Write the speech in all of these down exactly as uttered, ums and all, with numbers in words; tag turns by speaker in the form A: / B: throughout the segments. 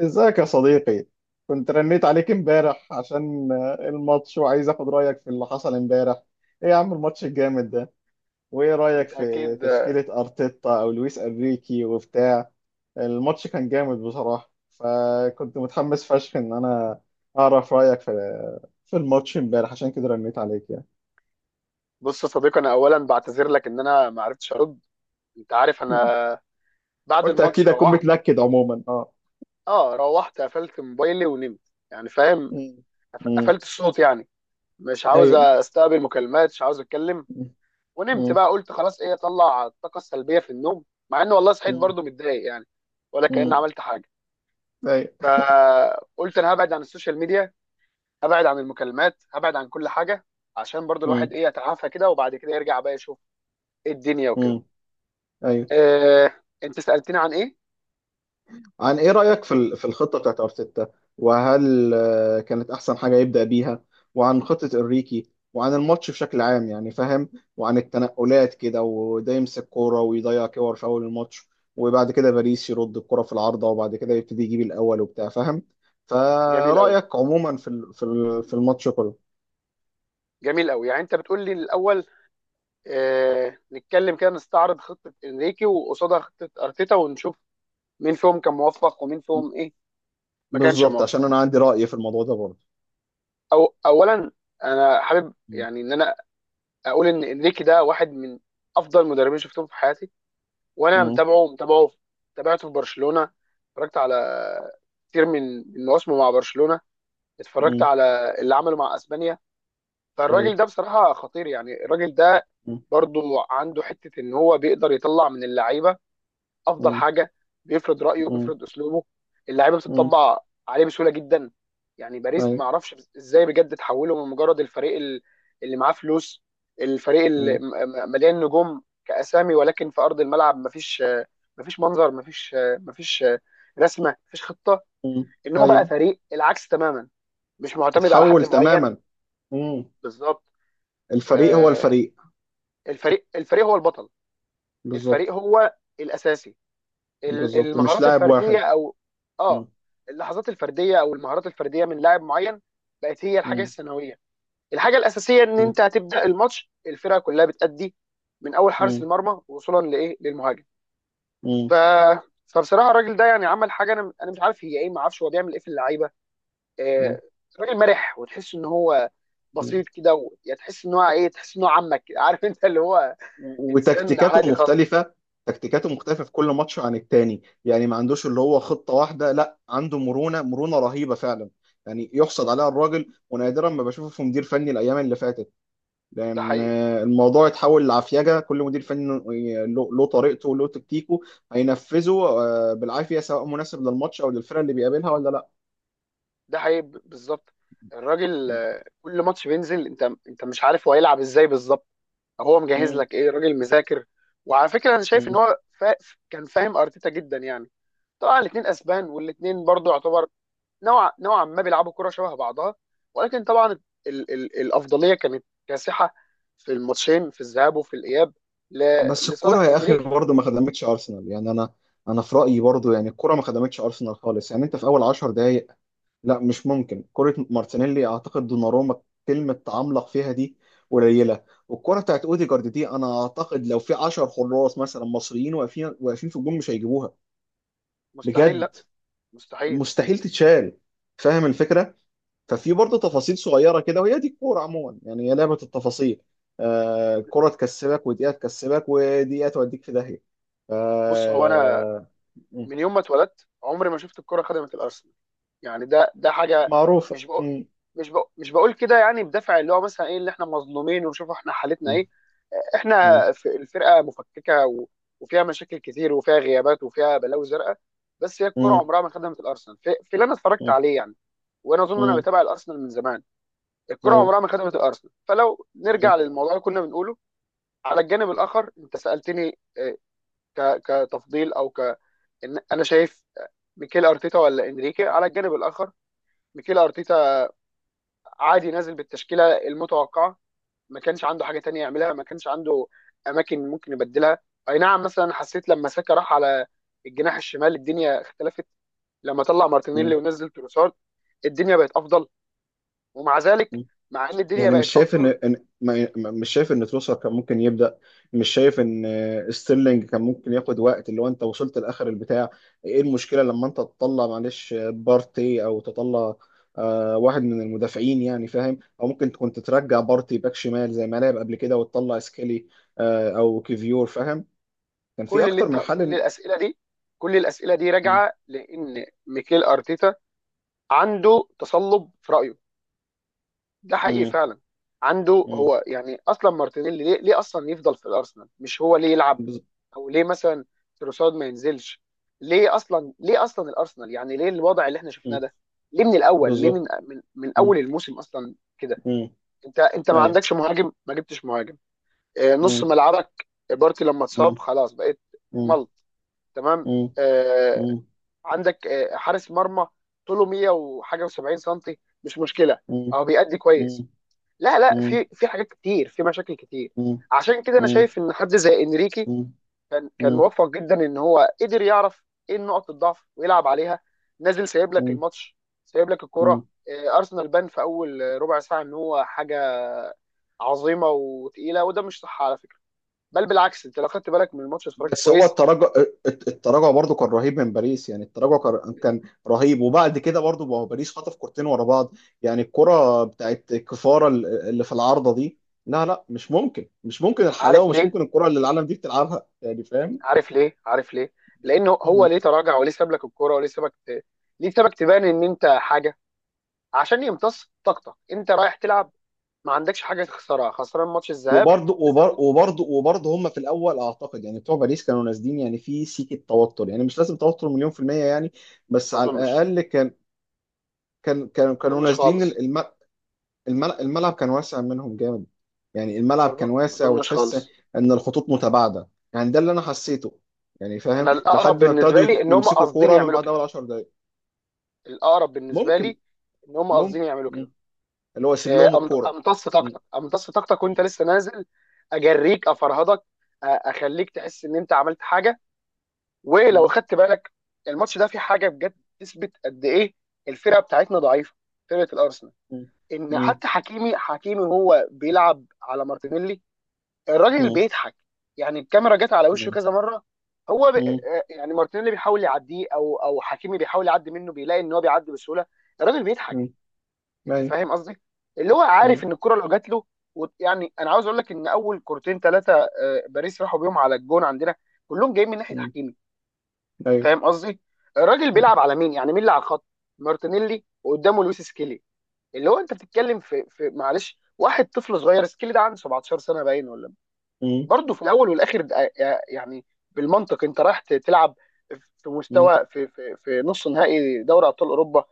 A: ازيك يا صديقي؟ كنت رنيت عليك امبارح عشان آه، الماتش، وعايز اخد رايك في اللي حصل امبارح. ايه يا عم الماتش الجامد ده؟ وايه رايك
B: انت
A: في
B: اكيد.
A: تشكيلة ارتيتا او لويس انريكي وبتاع؟ الماتش كان جامد بصراحة، فكنت متحمس فشخ ان انا اعرف رايك في في الماتش امبارح، عشان كده رنيت عليك يعني.
B: بص يا صديقي، انا اولا بعتذر لك ان انا ما عرفتش ارد. انت عارف
A: مم.
B: انا... بعد
A: قلت
B: الماتش
A: اكيد اكون
B: روحت...
A: متلكد عموما اه.
B: اه، روحت قفلت موبايلي ونمت، يعني فاهم.
A: مم.
B: قف-
A: مم.
B: قفلت الصوت، يعني مش عاوز
A: ايوه.
B: استقبل مكالمات، مش عاوز اتكلم.
A: مم.
B: ونمت
A: مم.
B: بقى، قلت خلاص ايه، اطلع الطاقه السلبيه في النوم، مع اني والله صحيت
A: مم.
B: برضو متضايق، يعني ولا كأني
A: مم.
B: عملت حاجه.
A: ايوه.
B: فقلت انا هبعد عن السوشيال ميديا، هبعد عن المكالمات، هبعد عن كل حاجه، عشان برضو الواحد
A: مم.
B: ايه، يتعافى كده وبعد كده يرجع بقى يشوف إيه الدنيا وكده.
A: مم. ايوه.
B: آه، انت سألتني عن ايه؟
A: عن ايه رأيك في ال- في الخطة بتاعت ارتيتا، وهل آه، كانت احسن حاجة يبدأ بيها؟ وعن خطة انريكي، وعن الماتش بشكل عام، يعني فاهم؟ وعن التنقلات كده، وده يمسك كورة ويضيع كور في اول الماتش، وبعد كده باريس يرد الكرة في العارضة، وبعد كده يبتدي يجيب الاول وبتاع فاهم؟
B: جميل قوي،
A: فرأيك عموما في ال- في ال- في الماتش كله؟
B: جميل قوي. يعني انت بتقول لي الاول آه، نتكلم كده، نستعرض خطة انريكي وقصادها خطة ارتيتا، ونشوف مين فيهم كان موفق ومين فيهم ايه ما كانش
A: بالظبط،
B: موفق.
A: عشان انا عندي رأي في الموضوع ده برضه.
B: او اولا، انا حابب
A: م-
B: يعني ان انا اقول ان انريكي ده واحد من افضل مدربين شفتهم في حياتي. وانا
A: م-
B: متابعه متابعه، تابعته في برشلونة، اتفرجت على كتير من من مواسمه مع برشلونة، اتفرجت
A: م-
B: على اللي عمله مع اسبانيا. فالراجل
A: أيوه.
B: ده بصراحة خطير، يعني الراجل ده
A: م-
B: برضو عنده حته ان هو بيقدر يطلع من اللعيبه افضل
A: م-
B: حاجه، بيفرض رايه
A: م-
B: وبيفرض اسلوبه، اللعيبه
A: م-
B: بتطبع عليه بسهوله جدا. يعني باريس ما
A: أيوه.
B: اعرفش ازاي بجد تحوله من مجرد الفريق ال- اللي معاه فلوس، الفريق
A: م-
B: اللي م- م- مليان نجوم كاسامي، ولكن في ارض الملعب مفيش، مفيش منظر، مفيش مفيش رسمه، مفيش خطه. ان هو بقى
A: أيوه.
B: فريق العكس تماما، مش معتمد على حد
A: اتحول
B: معين.
A: تماما. مم.
B: بالظبط.
A: الفريق هو
B: آه،
A: الفريق.
B: الفريق، الفريق هو البطل.
A: بالظبط.
B: الفريق هو الاساسي. ال-
A: بالظبط، مش
B: المهارات
A: لاعب
B: الفرديه
A: واحد.
B: او اه،
A: مم.
B: اللحظات الفرديه او المهارات الفرديه من لاعب معين، بقت هي الحاجه
A: مم.
B: الثانويه. الحاجه الاساسيه ان
A: مم.
B: انت هتبدا الماتش الفرقه كلها بتأدي، من اول حارس المرمى وصولا لايه، للمهاجم. ف،
A: مم.
B: فبصراحه الراجل ده يعني عمل حاجه، انا انا مش عارف هي ايه، ما اعرفش هو بيعمل ايه في اللعيبه. آه،
A: مم.
B: راجل مرح، وتحس ان هو
A: مم.
B: بسيط كده و... يعني تحس ان هو ايه، تحس ان هو عمك، عارف انت اللي هو انسان عادي
A: وتكتيكاته
B: خالص.
A: مختلفة. تكتيكاته مختلفة في كل ماتش عن التاني، يعني ما عندوش اللي هو خطة واحدة، لا عنده مرونة مرونة رهيبة فعلا. يعني يحصد عليها الراجل، ونادرا ما بشوفه في مدير فني الأيام اللي فاتت،
B: ده
A: لان
B: حقيقي،
A: الموضوع اتحول لعفيجه. كل مدير فني له له طريقته وله تكتيكه، هينفذه آه، بالعافيه، سواء مناسب للماتش او للفرقه اللي بيقابلها ولا لا.
B: ده حقيقي، ب- بالظبط. الراجل آه، كل ماتش بينزل، انت انت مش عارف هو هيلعب ازاي بالظبط، هو مجهز
A: مم.
B: لك ايه، راجل مذاكر. وعلى فكره انا شايف ان
A: مم.
B: هو فا... كان فاهم ارتيتا جدا، يعني طبعا الاثنين اسبان والاثنين برضو يعتبر نوع، نوعا ما بيلعبوا كره شبه بعضها، ولكن طبعا ال... ال... الافضليه كانت كاسحه في الماتشين، في الذهاب وفي الاياب، ل...
A: بس
B: لصالح
A: الكره يا اخي
B: انريكي.
A: برضه ما خدمتش ارسنال يعني. انا انا في رايي برضه، يعني الكره ما خدمتش ارسنال خالص، يعني انت في اول 10 دقائق، لا مش ممكن، كره مارتينيلي اعتقد دوناروما كلمه تعملق فيها دي قليله، والكره بتاعت اوديجارد دي انا اعتقد لو في 10 حراس مثلا مصريين واقفين واقفين في الجون مش هيجيبوها
B: مستحيل،
A: بجد،
B: لا. مستحيل.
A: مستحيل تتشال، فاهم الفكره؟ ففي برضه تفاصيل صغيره كده، وهي دي الكوره عموما، يعني هي لعبه التفاصيل. آه الكوره تكسبك ودقيقه، تكسبك ودقيقه توديك في داهيه ف
B: بص هو انا
A: م-
B: من يوم ما اتولدت عمري ما شفت الكره خدمه الارسنال، يعني ده ده حاجه...
A: معروفه.
B: مش بقول
A: م-
B: مش بقول مش بقول كده يعني بدافع اللي هو مثلا ايه، اللي احنا مظلومين وشوفوا احنا حالتنا
A: م-
B: ايه.
A: م-
B: احنا في الفرقه مفككه و... وفيها مشاكل كتير وفيها غيابات وفيها بلاوي زرقاء، بس هي الكره
A: م-
B: عمرها ما خدمت الارسنال في, في اللي انا اتفرجت
A: م-
B: عليه يعني. وانا اظن انا
A: م-
B: بتابع الارسنال من زمان، الكره
A: ايوه،
B: عمرها ما خدمت الارسنال. فلو
A: ايوه.
B: نرجع للموضوع اللي كنا بنقوله، على الجانب الاخر انت سالتني آه، ك... كتفضيل او ك إن انا شايف آه، ميكيل ارتيتا ولا انريكي. على الجانب الاخر، ميكيل ارتيتا عادي نازل بالتشكيله المتوقعه، ما كانش عنده حاجه تانية يعملها، ما كانش عنده اماكن ممكن يبدلها. اي نعم، مثلا حسيت لما ساكا راح على الجناح الشمال الدنيا اختلفت، لما طلع مارتينيلي ونزل تروسارد الدنيا بقت افضل. ومع ذلك، مع ان الدنيا
A: يعني مش
B: بقت
A: شايف
B: افضل...
A: ان إن- ما- ما- مش شايف ان تروسر كان ممكن يبدا؟ مش شايف ان آه، ستيرلينج كان ممكن ياخد وقت اللي هو انت وصلت لاخر البتاع؟ ايه المشكله لما انت تطلع معلش آه، بارتي او تطلع آه، واحد من المدافعين يعني فاهم؟ او ممكن كنت ترجع بارتي باك شمال زي ما لعب قبل كده وتطلع سكيلي، آه، او كيفيور فاهم. كان في
B: كل اللي
A: اكتر
B: انت
A: من
B: كل
A: حل إن-
B: الاسئله دي، كل الاسئله دي
A: م-
B: راجعه لان ميكيل ارتيتا عنده تصلب في رايه، ده حقيقي
A: م-
B: فعلا. عنده
A: م-
B: هو يعني اصلا مارتينيلي ليه, ليه اصلا يفضل في الارسنال؟ مش هو ليه يلعب؟
A: بز-
B: او ليه مثلا تروسارد ما ينزلش؟ ليه اصلا، ليه اصلا الارسنال يعني ليه الوضع اللي احنا شفناه
A: م-
B: ده؟ ليه من الاول؟ ليه
A: بالظبط.
B: من من, من
A: م-
B: اول الموسم اصلا كده؟
A: م-
B: انت انت ما
A: ايوه.
B: عندكش مهاجم، ما جبتش مهاجم. آه، نص
A: م-
B: ملعبك بارتي لما
A: م-
B: اتصاب خلاص بقيت
A: م-
B: ملط. تمام.
A: م-
B: آه، عندك آه، حارس مرمى طوله مية وحاجه و70 سم، مش مشكله،
A: م-
B: اهو بيأدي كويس.
A: مم.
B: لا لا،
A: مم.
B: في في حاجات كتير، في مشاكل كتير.
A: مم.
B: عشان كده انا
A: مم.
B: شايف ان حد زي انريكي
A: مم.
B: كان كان
A: مم.
B: موفق جدا، ان هو قدر يعرف ايه نقط الضعف ويلعب عليها. نازل سايب لك
A: مم.
B: الماتش، سايب لك
A: مم.
B: الكرة. آه، ارسنال بان في اول ربع ساعة ان هو حاجة عظيمة وتقيلة، وده مش صح على فكرة، بل بالعكس. انت لو خدت بالك من الماتش، اتفرجت
A: بس هو
B: كويس،
A: التراجع، الت- التراجع برضو كان رهيب من باريس، يعني التراجع كان كان رهيب. وبعد كده برضو، ما هو باريس خطف كورتين ورا بعض، يعني الكرة بتاعت كفارة ال- اللي في العارضة دي، لا لا مش ممكن، مش ممكن
B: عارف
A: الحلاوة، مش
B: ليه؟
A: ممكن الكرة اللي العالم دي بتلعبها يعني فاهم.
B: عارف ليه؟ عارف ليه؟ لانه هو
A: مم.
B: ليه تراجع وليه ساب لك الكرة وليه سابك ت- ليه سابك تبان ان انت حاجة؟ عشان يمتص طاقتك. انت رايح تلعب، ما عندكش حاجه تخسرها، خسران ماتش الذهاب،
A: وبرضو
B: لازم
A: وبر-
B: تج...
A: وبرضو وبرضو هم في الاول اعتقد يعني بتوع باريس كانوا نازلين، يعني في سيكة توتر، يعني مش لازم توتر مليون في المية يعني، بس
B: ما
A: على
B: اظنش
A: الاقل كان كان
B: ما
A: كانوا
B: اظنش
A: نازلين
B: خالص،
A: الم- الم- الملعب كان واسع منهم جامد. يعني الملعب
B: ما
A: كان
B: أظن- ما
A: واسع
B: اظنش
A: وتحس
B: خالص.
A: ان الخطوط متباعده، يعني ده اللي انا حسيته، يعني فاهم؟
B: انا الاقرب
A: لحد ما
B: بالنسبه
A: ابتدوا
B: لي
A: يت-
B: ان هم
A: يمسكوا
B: قاصدين
A: كوره من
B: يعملوا
A: بعد
B: كده،
A: اول 10 دقائق.
B: الاقرب بالنسبه
A: ممكن.
B: لي ان هم قاصدين
A: ممكن.
B: يعملوا كده.
A: مم. اللي هو يسيب
B: آه،
A: لهم
B: أم-
A: الكوره.
B: امتص
A: مم.
B: طاقتك، امتص طاقتك وانت لسه نازل، اجريك، افرهدك، أ- اخليك تحس ان انت عملت حاجه. ولو
A: مم.
B: خدت بالك، الماتش ده فيه حاجه بجد تثبت قد ايه الفرقه بتاعتنا ضعيفه، فرقه الارسنال،
A: مم.
B: ان
A: مم.
B: حتى حكيمي، حكيمي وهو بيلعب على مارتينيلي الراجل
A: مم.
B: بيضحك، يعني الكاميرا جت على وشه
A: مم.
B: كذا مره. هو ب...
A: مم.
B: آه، يعني مارتينيلي بيحاول يعديه، او او حكيمي بيحاول يعدي منه، بيلاقي ان هو بيعدي بسهوله، الراجل بيضحك.
A: مم.
B: انت
A: ايوه.
B: فاهم قصدي؟ اللي هو عارف
A: مم.
B: ان الكره لو جات له و... يعني انا عاوز اقول لك ان اول كورتين ثلاثه باريس راحوا بيهم على الجون عندنا، كلهم جايين من ناحيه
A: مم.
B: حكيمي،
A: ايوه.
B: فاهم قصدي. الراجل
A: مم.
B: بيلعب على مين، يعني مين اللي على الخط؟ مارتينيلي، وقدامه لويس سكيلي، اللي هو انت بتتكلم في, في معلش واحد طفل صغير، سكيلي ده عنده 17 سنه باين ولا.
A: مم.
B: برضه في الاول والاخر ده- يعني بالمنطق انت رايح ت- تلعب في مستوى، في في في نص نهائي دوري ابطال اوروبا،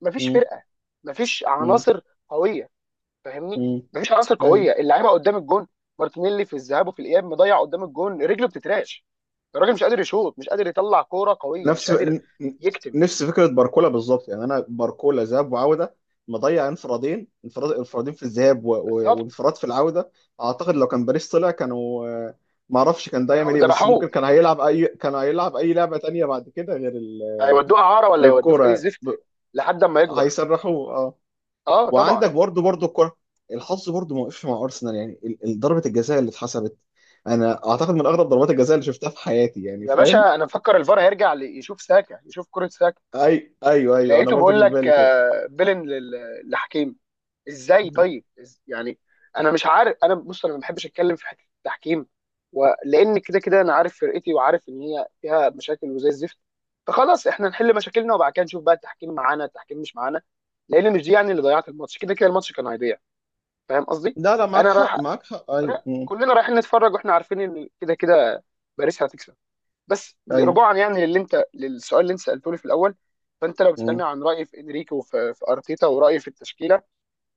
B: مفيش
A: مم.
B: فرقه، مفيش
A: مم.
B: عناصر قويه، فاهمني؟
A: مم.
B: مفيش عناصر
A: ايوه.
B: قويه اللعيبه قدام الجون، مارتينيلي في الذهاب وفي الاياب مضيع قدام الجون، رجله بتتراش، الراجل مش قادر يشوط، مش قادر يطلع كوره قويه، مش
A: نفس
B: قادر
A: ن-
B: يكتم.
A: نفس فكره باركولا بالظبط، يعني انا باركولا ذهاب وعوده مضيع انفرادين، انفراد انفرادين في الذهاب و- و-
B: بالظبط،
A: وانفراد في العوده. اعتقد لو كان باريس طلع كانوا، آه، ما اعرفش كان ده يعمل
B: كانوا
A: ايه، بس ممكن
B: ذبحوه،
A: كان هيلعب اي، كان هيلعب اي لعبه تانية بعد كده غير ال...
B: هيودوه اعاره ولا
A: غير
B: يودوه في
A: الكوره
B: اي
A: يعني.
B: زفت
A: ب...
B: لحد اما يكبر.
A: هيسرحوا اه.
B: اه طبعا.
A: وعندك برضو برضو الكوره، الحظ برضو ما وقفش مع ارسنال، يعني ال- ال- ضربه الجزاء اللي اتحسبت، انا اعتقد من اغرب ضربات الجزاء اللي شفتها في حياتي، يعني
B: يا
A: فاهم.
B: باشا، انا مفكر الفار هيرجع، لي- يشوف ساكا يشوف كره ساكا،
A: اي ايوه، ايوه، انا
B: لقيته
A: برضو جه
B: بيقول
A: في
B: لك
A: بالي كده.
B: آه، بيلن لل- لحكيم. ازاي طيب؟ إز- يعني انا مش عارف. انا بص انا ما بحبش اتكلم في حته التحكيم، ولان كده كده انا عارف فرقتي وعارف ان هي فيها مشاكل وزي الزفت، فخلاص احنا نحل مشاكلنا وبعد كده نشوف بقى التحكيم معانا التحكيم مش معانا. لان مش دي يعني اللي ضيعت الماتش، كده كده الماتش كان هيضيع، فاهم قصدي؟
A: لا لا معاك
B: انا رايح،
A: حق، معاك حق، ايوه.
B: رايح-
A: مم.
B: كلنا رايحين نتفرج واحنا عارفين ان كده كده باريس هتكسب. بس
A: ايوه.
B: رجوعا يعني للي انت، للسؤال اللي انت سالته لي في الاول، فانت لو بتسالني
A: مم.
B: عن رايي في انريكي وفي، في ارتيتا ورايي في التشكيله،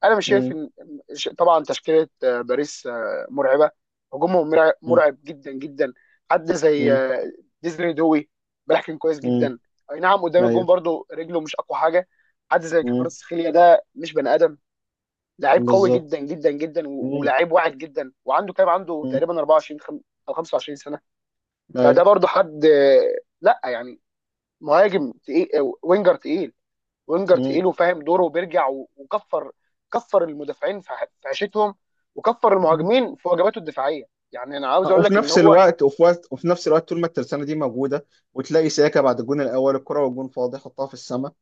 B: انا مش شايف
A: مم.
B: ان ش- طبعا تشكيله آه، باريس آه، مرعبه، هجومهم مرع-
A: مم.
B: مرعب جدا جدا. حد زي
A: مم.
B: آه، ديزني دوي بيحكم كويس
A: مم.
B: جدا، اي نعم قدام الجون
A: ايوه.
B: برضو رجله مش اقوى حاجه. حد زي
A: مم.
B: كفاراتسخيليا ده مش بني ادم، لعيب قوي
A: بالظبط.
B: جدا جدا جدا، و-
A: مم.
B: ولاعيب واعد جدا، وعنده كام، عنده
A: مم.
B: تقريبا اربعة وعشرين خم- او 25 سنه،
A: ايوه.
B: فده برضو حد آه، لا يعني مهاجم تقيل، آه، وينجر تقيل، وينجر
A: مم.
B: تقيل وفاهم دوره وبيرجع و- وكفر، كفر المدافعين في ح- في عيشتهم، وكفر
A: مم.
B: المهاجمين في واجباته الدفاعيه. يعني انا عاوز
A: آه،
B: اقول
A: وفي
B: لك ان
A: نفس
B: هو...
A: الوقت، وفي وقت وفي نفس الوقت طول ما الترسانه دي موجوده، وتلاقي سياكا بعد الجون الاول، الكره والجون فاضي، حطها في السماء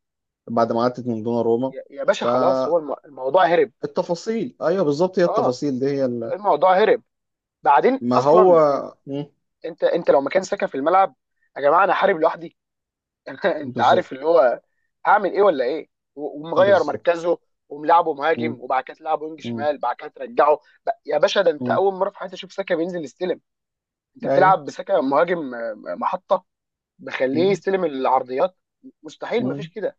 A: بعد ما عدت من دون روما.
B: يا يا باشا خلاص، هو الم- الموضوع هرب.
A: فالتفاصيل، ايوه بالظبط، هي
B: اه،
A: التفاصيل دي هي اللي،
B: الموضوع هرب. بعدين
A: ما هو.
B: اصلا إن-
A: مم.
B: انت انت لو مكان ساكا في الملعب يا جماعه، انا حارب لوحدي. انت
A: بالظبط.
B: عارف اللي هو هعمل ايه ولا ايه؟ و- ومغير
A: بالظبط.
B: مركزه، وملعبه
A: مم.
B: مهاجم، وبعد كده تلعبه وينج
A: مم.
B: شمال، بعد كده ترجعه. ب- يا باشا، ده انت
A: مم.
B: اول مره في حياتي اشوف ساكا بينزل يستلم، انت
A: ايوه.
B: بتلعب بسكه مهاجم، آه، محطه بخليه
A: مم.
B: يستلم العرضيات، مستحيل، مفيش
A: مم.
B: كده.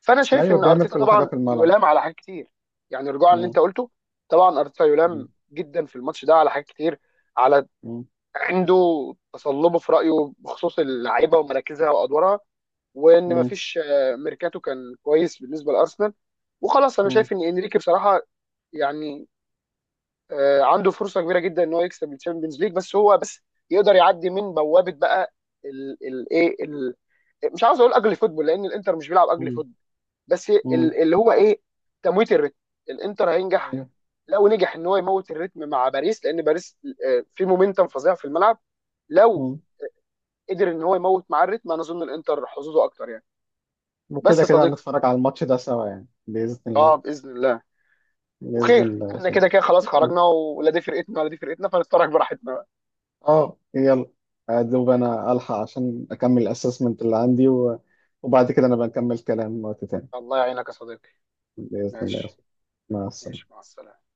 B: فانا شايف
A: ايوه.
B: ان
A: بيعمل
B: ارتيتا
A: كل حاجه
B: طبعا
A: في الملعب.
B: يلام على حاجات كتير. يعني رجوعا اللي
A: مم.
B: انت قلته، طبعا ارتيتا يلام
A: مم.
B: جدا في الماتش ده على حاجات كتير، على
A: مم.
B: عنده تصلبه في رايه بخصوص اللعيبه ومراكزها وادوارها، وان
A: مم.
B: مفيش آه، ميركاتو كان كويس بالنسبه لارسنال. وخلاص انا
A: مم.
B: شايف ان انريكي بصراحه يعني آه، عنده فرصه كبيره جدا ان هو يكسب الشامبيونز ليج، بس هو بس يقدر يعدي من بوابه بقى الايه، مش عاوز اقول اجلي فوتبول لان الانتر مش بيلعب اجلي
A: مم.
B: فوتبول، بس
A: مم.
B: ال- اللي هو ايه، تمويت الريتم. الانتر هينجح
A: ايوه.
B: لو نجح ان هو يموت الريتم مع باريس، لان باريس آه، في مومنتم فظيع في الملعب. لو
A: مم.
B: قدر ان هو يموت مع الريتم انا اظن الانتر حظوظه اكتر يعني. بس
A: وكده
B: يا
A: كده
B: صديقي،
A: هنتفرج على الماتش ده سوا، يعني باذن
B: اه
A: الله.
B: باذن الله.
A: باذن
B: وخير،
A: الله يا
B: احنا
A: صاحبي.
B: كده كده خلاص
A: اه.
B: خرجنا، ولا دي فرقتنا ولا دي فرقتنا، فنتفرج براحتنا بقى.
A: آه، يلا. ادوب انا الحق عشان اكمل الاسسمنت اللي عندي و... وبعد كده نبقى نكمل كلام وقت تاني.
B: الله يعينك يا صديقي.
A: باذن الله يا
B: ماشي.
A: صاحبي. مع السلامه.
B: ماشي مع السلامة.